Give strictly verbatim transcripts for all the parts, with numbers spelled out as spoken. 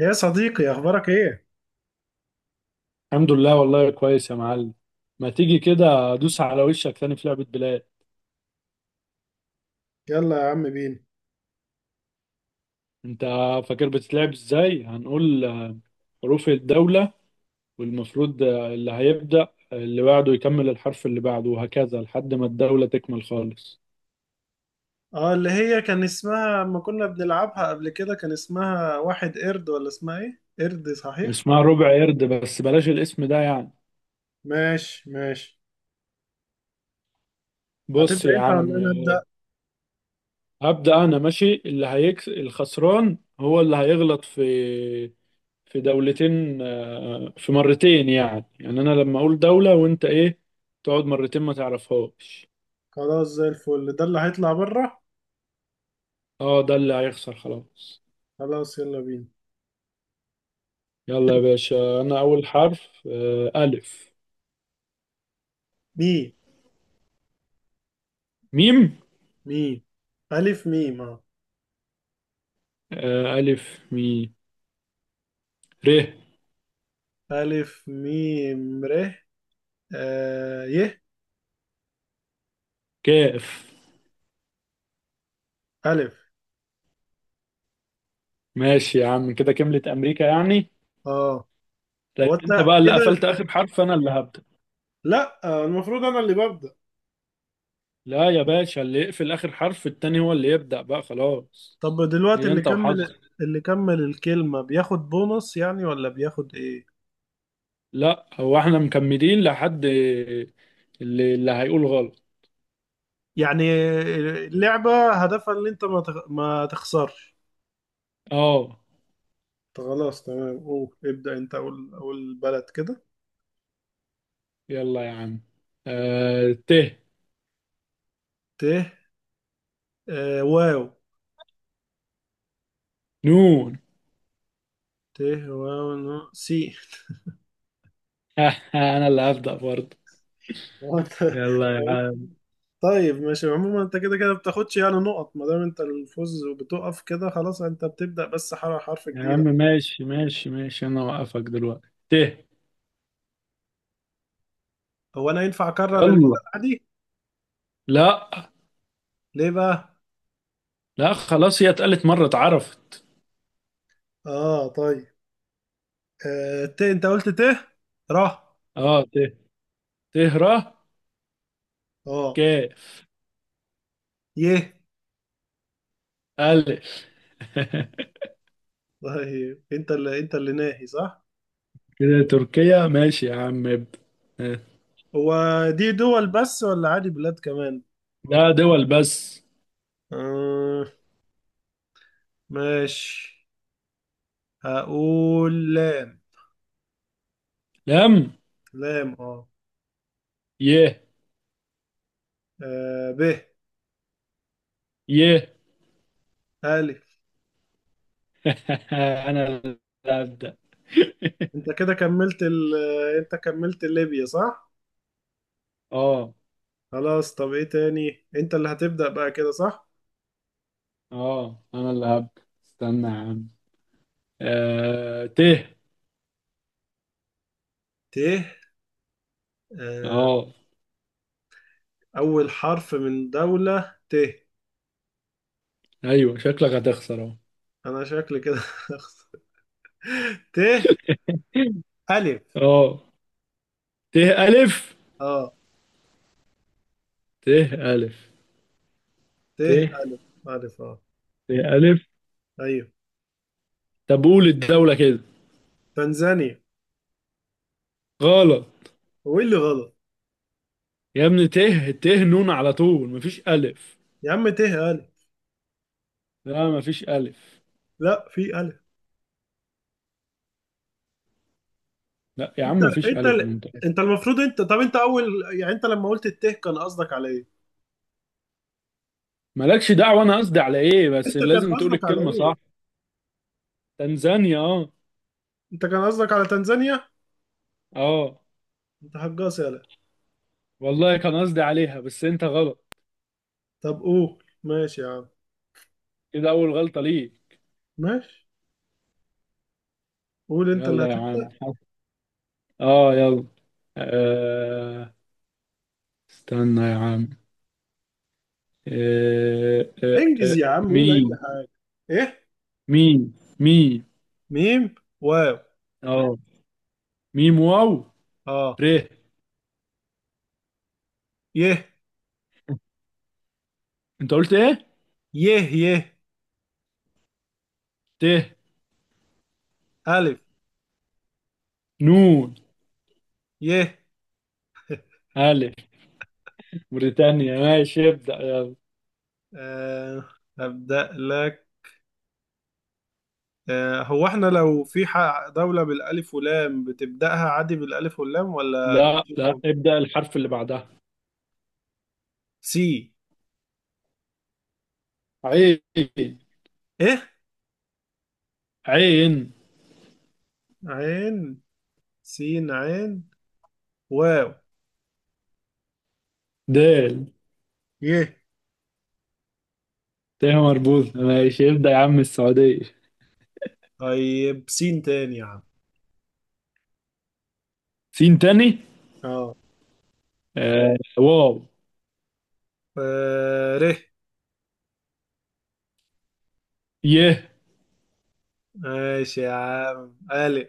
يا صديقي، اخبارك ايه؟ الحمد لله والله كويس يا معلم. ما تيجي كده ادوس على وشك تاني في لعبة بلاد؟ يلا يا عم بينا. انت فاكر بتتلعب ازاي؟ هنقول آه، حروف الدولة، والمفروض آه، اللي هيبدأ اللي بعده يكمل الحرف اللي بعده، وهكذا لحد ما الدولة تكمل خالص. اه، اللي هي كان اسمها اما كنا بنلعبها قبل كده كان اسمها واحد قرد، ولا اسمها ايه؟ قرد، صحيح. اسمها ربع قرد بس بلاش الاسم ده يعني. ماشي ماشي. بص هتبدأ يا انت ولا عم. انا آه، ابدأ؟ هبدأ انا. ماشي، اللي هيكس الخسران هو اللي هيغلط في في دولتين، آه، في مرتين يعني. يعني انا لما اقول دولة وانت ايه، تقعد مرتين ما تعرفهاش. خلاص زي الفل. ده اللي هيطلع بره. اه ده اللي هيخسر خلاص. خلاص يلا بينا. يلا يا باشا، انا اول حرف. آه، الف. ميم. ميم. ميم. الف ميم اه. آه، الف ميم ر الف ميم ر. آه ي. كاف. الف. ماشي يا عم، كده كملت امريكا يعني. اه، طيب هو انت انت بقى اللي كده؟ قفلت اخر حرف، انا اللي هبدأ. لا، آه، المفروض انا اللي ببدأ. لا يا باشا، اللي يقفل اخر حرف التاني هو اللي يبدأ بقى، خلاص. طب دلوقتي هي اللي انت كمل وحظك. اللي كمل الكلمة بياخد بونص يعني، ولا بياخد ايه؟ لا، هو احنا مكملين لحد اللي, اللي هيقول غلط. يعني اللعبة هدفها ان انت ما تخ- ما تخسرش. اه، طب خلاص، تمام. قول ابدأ، انت اقول اقول بلد كده. يلا يا عم. آه ت. ت. آه واو. نون. ت واو نو. سي. انا اللي هبدأ برضه. هو أنت- يلا يا عم. طيب ماشي. عموما انت كده كده بتاخدش يعني نقط ما دام انت الفوز وبتقف كده، خلاص انت بتبدأ بس حرف حرف يا عم جديدة. ماشي ماشي ماشي، انا اوقفك دلوقتي. ت. هو انا ينفع اكرر البلد؟ يلا. عادي؟ لا. ليه بقى؟ لا خلاص، هي اتقالت مرة اتعرفت. اه طيب. آه، ت، انت قلت ت. ره. اه، ت. ت ر. اه. كاف. يه. الف. طيب انت اللي انت اللي ناهي، صح؟ كده تركيا. ماشي يا عم، ابدأ. آه. هو دي دول بس ولا عادي بلاد كمان؟ لا، دول بس. آه، ماشي. هقول لام. لم. لام اه. ي. آه، ب. ي. ألف. انا اللي هبدأ. انت كده كملت ال... انت كملت ليبيا، صح؟ اه. خلاص. طب ايه تاني؟ انت اللي هتبدأ بقى كده، صح؟ اه انا اللي هب استنى يا عم. آه ت. ت. آه، اه. اول حرف من دولة ت. ايوه، شكلك هتخسر اهو. انا شكلي كده هخسر. ت. ألف. اه، ت الف. اه ت الف. ت ت. ألف. ألف أه. ت الف. أيوه. طب قول الدولة كده. تنزانيا. غلط. هو إيه اللي غلط؟ يا ابني ت ت نون على طول، مفيش الف. يا عم ت ألف. لا مفيش الف. لا في ألف. لا يا أنت. عم مفيش أنت الف، انا ال- متأكد. أنت المفروض، أنت، طب أنت أول، يعني أنت لما قلت الت كان قصدك على إيه؟ مالكش دعوة انا قصدي على ايه، بس أنت كان لازم تقول قصدك على الكلمة إيه؟ صح. تنزانيا، اه. أنت كان قصدك على تنزانيا؟ اه أنت هجاص يالا. والله كان قصدي عليها، بس انت غلط. طب قول ماشي يا عم. كده اول غلطة ليك. ماشي. قول، أنت اللي يلا يا عم. هتبدأ. اه يلا. آه استنى يا عم. آه آه انجز آه يا عم قول أي ميم. حاجة. إيه؟ ميم. ميم. ميم واو. اه، ميم واو. أه. ر. يه انت قلت ايه؟ يه يه. ت. ألف. نون. يه. الف. موريتانيا، ماشي ابدأ يلا. أه، هبدأ لك. آه، هو احنا لو في ح- دولة بالألف واللام بتبدأها عادي بالألف واللام ولا لا لا، بتجيبهم؟ ابدأ الحرف اللي بعدها. سي. عين. ايه؟ عين. عين. سين عين. واو. دال. يه. ت مربوط، ماشي ابدأ يا عم، السعودية. طيب سين تاني يا عم؟ سين تاني. اه. آه واو. آه، ر. يه. ماشي يا عم. ألف.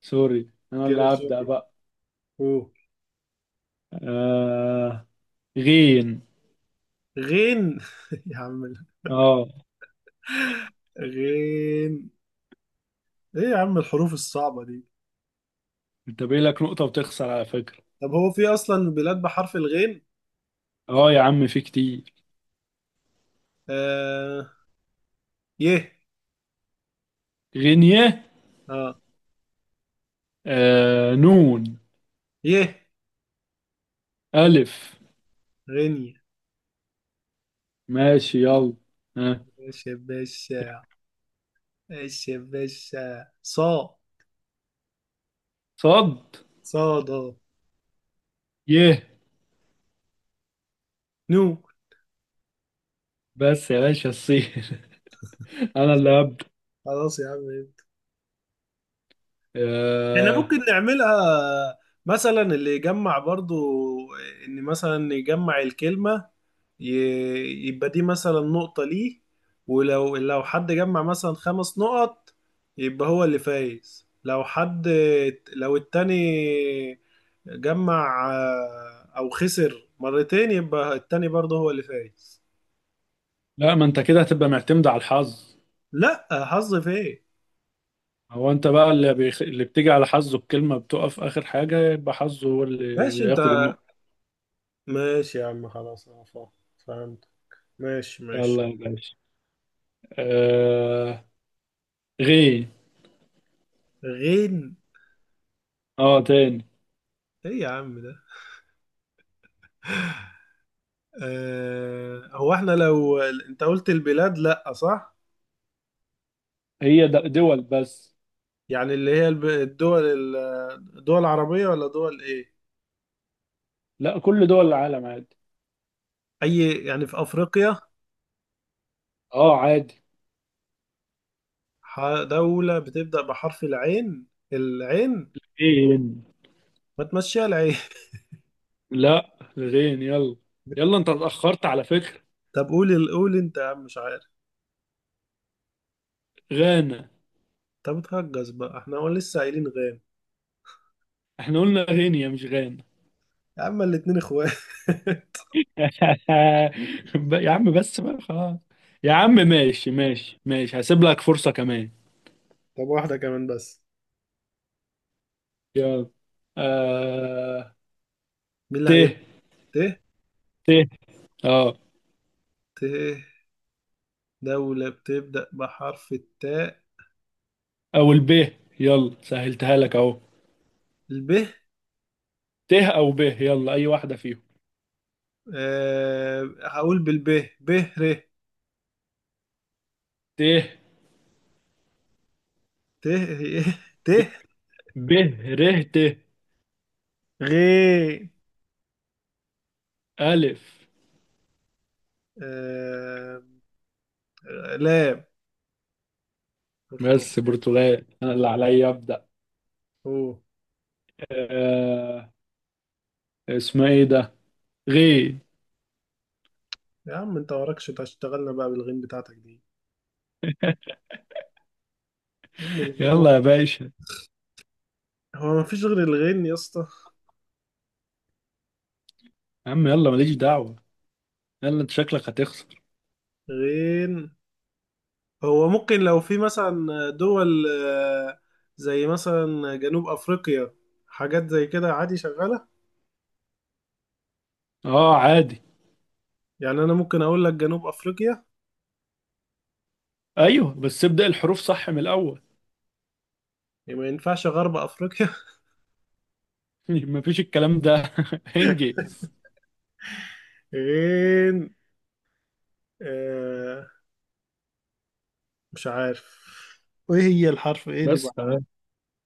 سوري، انا اللي كده هبدأ شوف. بقى. آه غين. غين. يا عم ال- اه، غين. ايه يا عم الحروف الصعبة دي؟ انت باقي لك نقطة وتخسر على فكرة. طب هو في أصلا بلاد بحرف الغين؟ اه يا عم، في كتير. آه. يه. غينية. اه. آه نون. يه. ألف. غينيا. ماشي يلا. ها. ماشي يا باشا. ماشي يا باشا. صا. صد. صاد. يه. نو. بس يا باشا، الصين. أنا اللي هبدأ. خلاص يا عم. احنا آه. ممكن نعملها مثلا اللي يجمع برضو، ان مثلا يجمع الكلمة، ي- يبقى دي مثلا نقطة ليه، ولو لو حد جمع مثلا خمس نقط يبقى هو اللي فايز. لو حد، لو التاني جمع آه، او خسر مرتين يبقى التاني برضه هو اللي فايز. لا، ما أنت كده هتبقى معتمد على الحظ. لا حظ فين؟ هو أنت بقى اللي بيخ... اللي بتيجي على حظه بكلمة بتقف آخر حاجة، يبقى حظه هو ماشي اللي انت. ياخد النقطة. ماشي يا عم، خلاص انا فاهم. فهمت. ماشي ماشي. يلا يا باشا. آه غين. غين. اه تاني. ايه يا عم ده؟ آه، هو احنا لو انت قلت البلاد، لا صح؟ هي د- دول بس. يعني اللي هي الب- الدول ال- الدول العربية ولا دول ايه؟ لا، كل دول العالم عادي. اي يعني في افريقيا؟ اه عادي. ح- دولة بتبدأ بحرف العين. العين. غين. ما تمشيها العين لا، غين يلا. يلا انت اتأخرت على فكرة. طب قول ال- قول انت يا عم، مش عارف. غانا. طب اتهجس بقى. احنا هو لسه قايلين غين. احنا قلنا غينيا مش غانا. يا عم الاتنين اخوات. ب- يا عم بس بقى خلاص. يا عم ماشي ماشي ماشي، هسيب لك فرصة كمان. طب واحدة كمان بس. يلا. آه... مين اللي ت. هيبدأ؟ ت. ت. اه، ت. دولة بتبدأ بحرف التاء. او الب، يلا سهلتها لك اهو. الب. ت او ب، يلا اي واحدة فيهم. أه هقول بالب. ب. ر ت. ت. ت. ب. ب ر ت. غ. ألف. أه. لام. برتقال. بس برتغال، انا اللي عليا ابدأ. اوه. آه، اسمها ايه ده؟ غي. يا عم انت وراكش هتشتغلنا بقى بالغين بتاعتك دي. أم الغين. يلا يا باشا. هو مفيش غير الغين يا اسطى؟ يا عم يلا، ماليش دعوة. يلا انت شكلك هتخسر. غين. هو ممكن لو في مثلا دول آه، زي مثلا جنوب افريقيا، حاجات زي كده، عادي شغالة؟ اه عادي. يعني انا ممكن اقول لك جنوب افريقيا. ايوه بس ابدأ الحروف صح من الاول. إيه، ما ينفعش غرب افريقيا؟ مفيش الكلام ده. انجز. غين. آه، مش عارف. ايه هي الحرف ايه اللي بعد؟ بس تمام.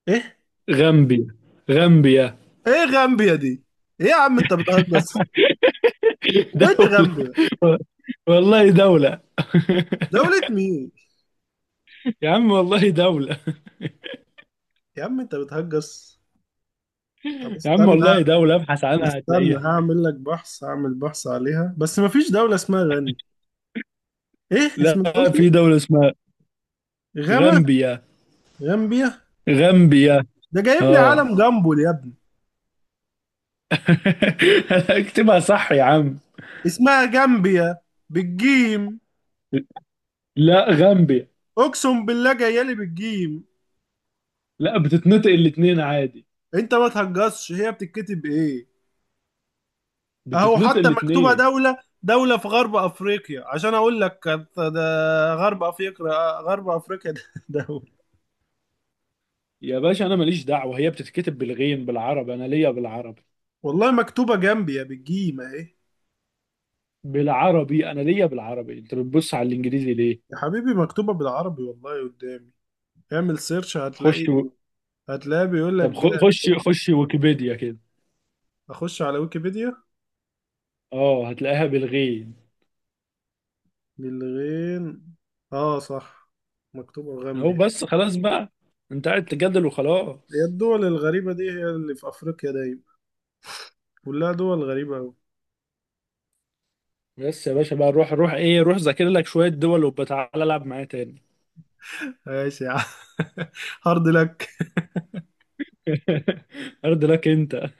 ايه؟ غامبيا. غامبيا. ايه غامبيا دي؟ ايه يا عم انت بتهجس. وين دولة. غامبيا؟ والله دولة. دولة مين؟ يا عم والله دولة. يا عم انت بتهجس. طب يا عم استنى. والله دولة، ابحث عنها استنى هتلاقيها. هعمل لك بحث، هعمل بحث عليها، بس مفيش دولة اسمها غني. ايه اسم؟ انت قلت لا، في ايه؟ دولة اسمها غاما. غامبيا. غامبيا. غامبيا. ده جايب لي اه. علم جامبول يا ابني. اكتبها صح يا عم. اسمها جامبيا، بالجيم. لا، غامبيا. اقسم بالله جايه لي بالجيم. لا، بتتنطق الاتنين عادي. انت ما تهجصش. هي بتتكتب ايه؟ اهو بتتنطق حتى مكتوبة الاتنين. دولة. دولة في غرب افريقيا عشان اقول لك، كانت ده غرب افريقيا. غرب افريقيا ده دولة. يا باشا انا ماليش دعوه، هي بتتكتب بالغين بالعربي، انا ليا بالعربي. والله مكتوبة جنبي يا، بالجيم اهي. بالعربي، انا ليا بالعربي، انت بتبص على الانجليزي ليه؟ يا حبيبي مكتوبة بالعربي، والله قدامي. اعمل سيرش هتلاقي. خش و... هتلاقي بيقول لك طب خ- جا. خش خش ويكيبيديا كده. اخش على ويكيبيديا. اه هتلاقيها بالغين. للغين. اه صح. مكتوبة اهو غامبيا. بس خلاص بقى، انت قاعد تجادل هي وخلاص. الدول الغريبة دي هي اللي في افريقيا دايما. كلها دول غريبة اوي. بس يا باشا بقى، روح روح ايه، روح ذاكر لك شويه دول وبتعالى العب معايا تاني. ماشي يا عم. هارد لك. ارض لك انت.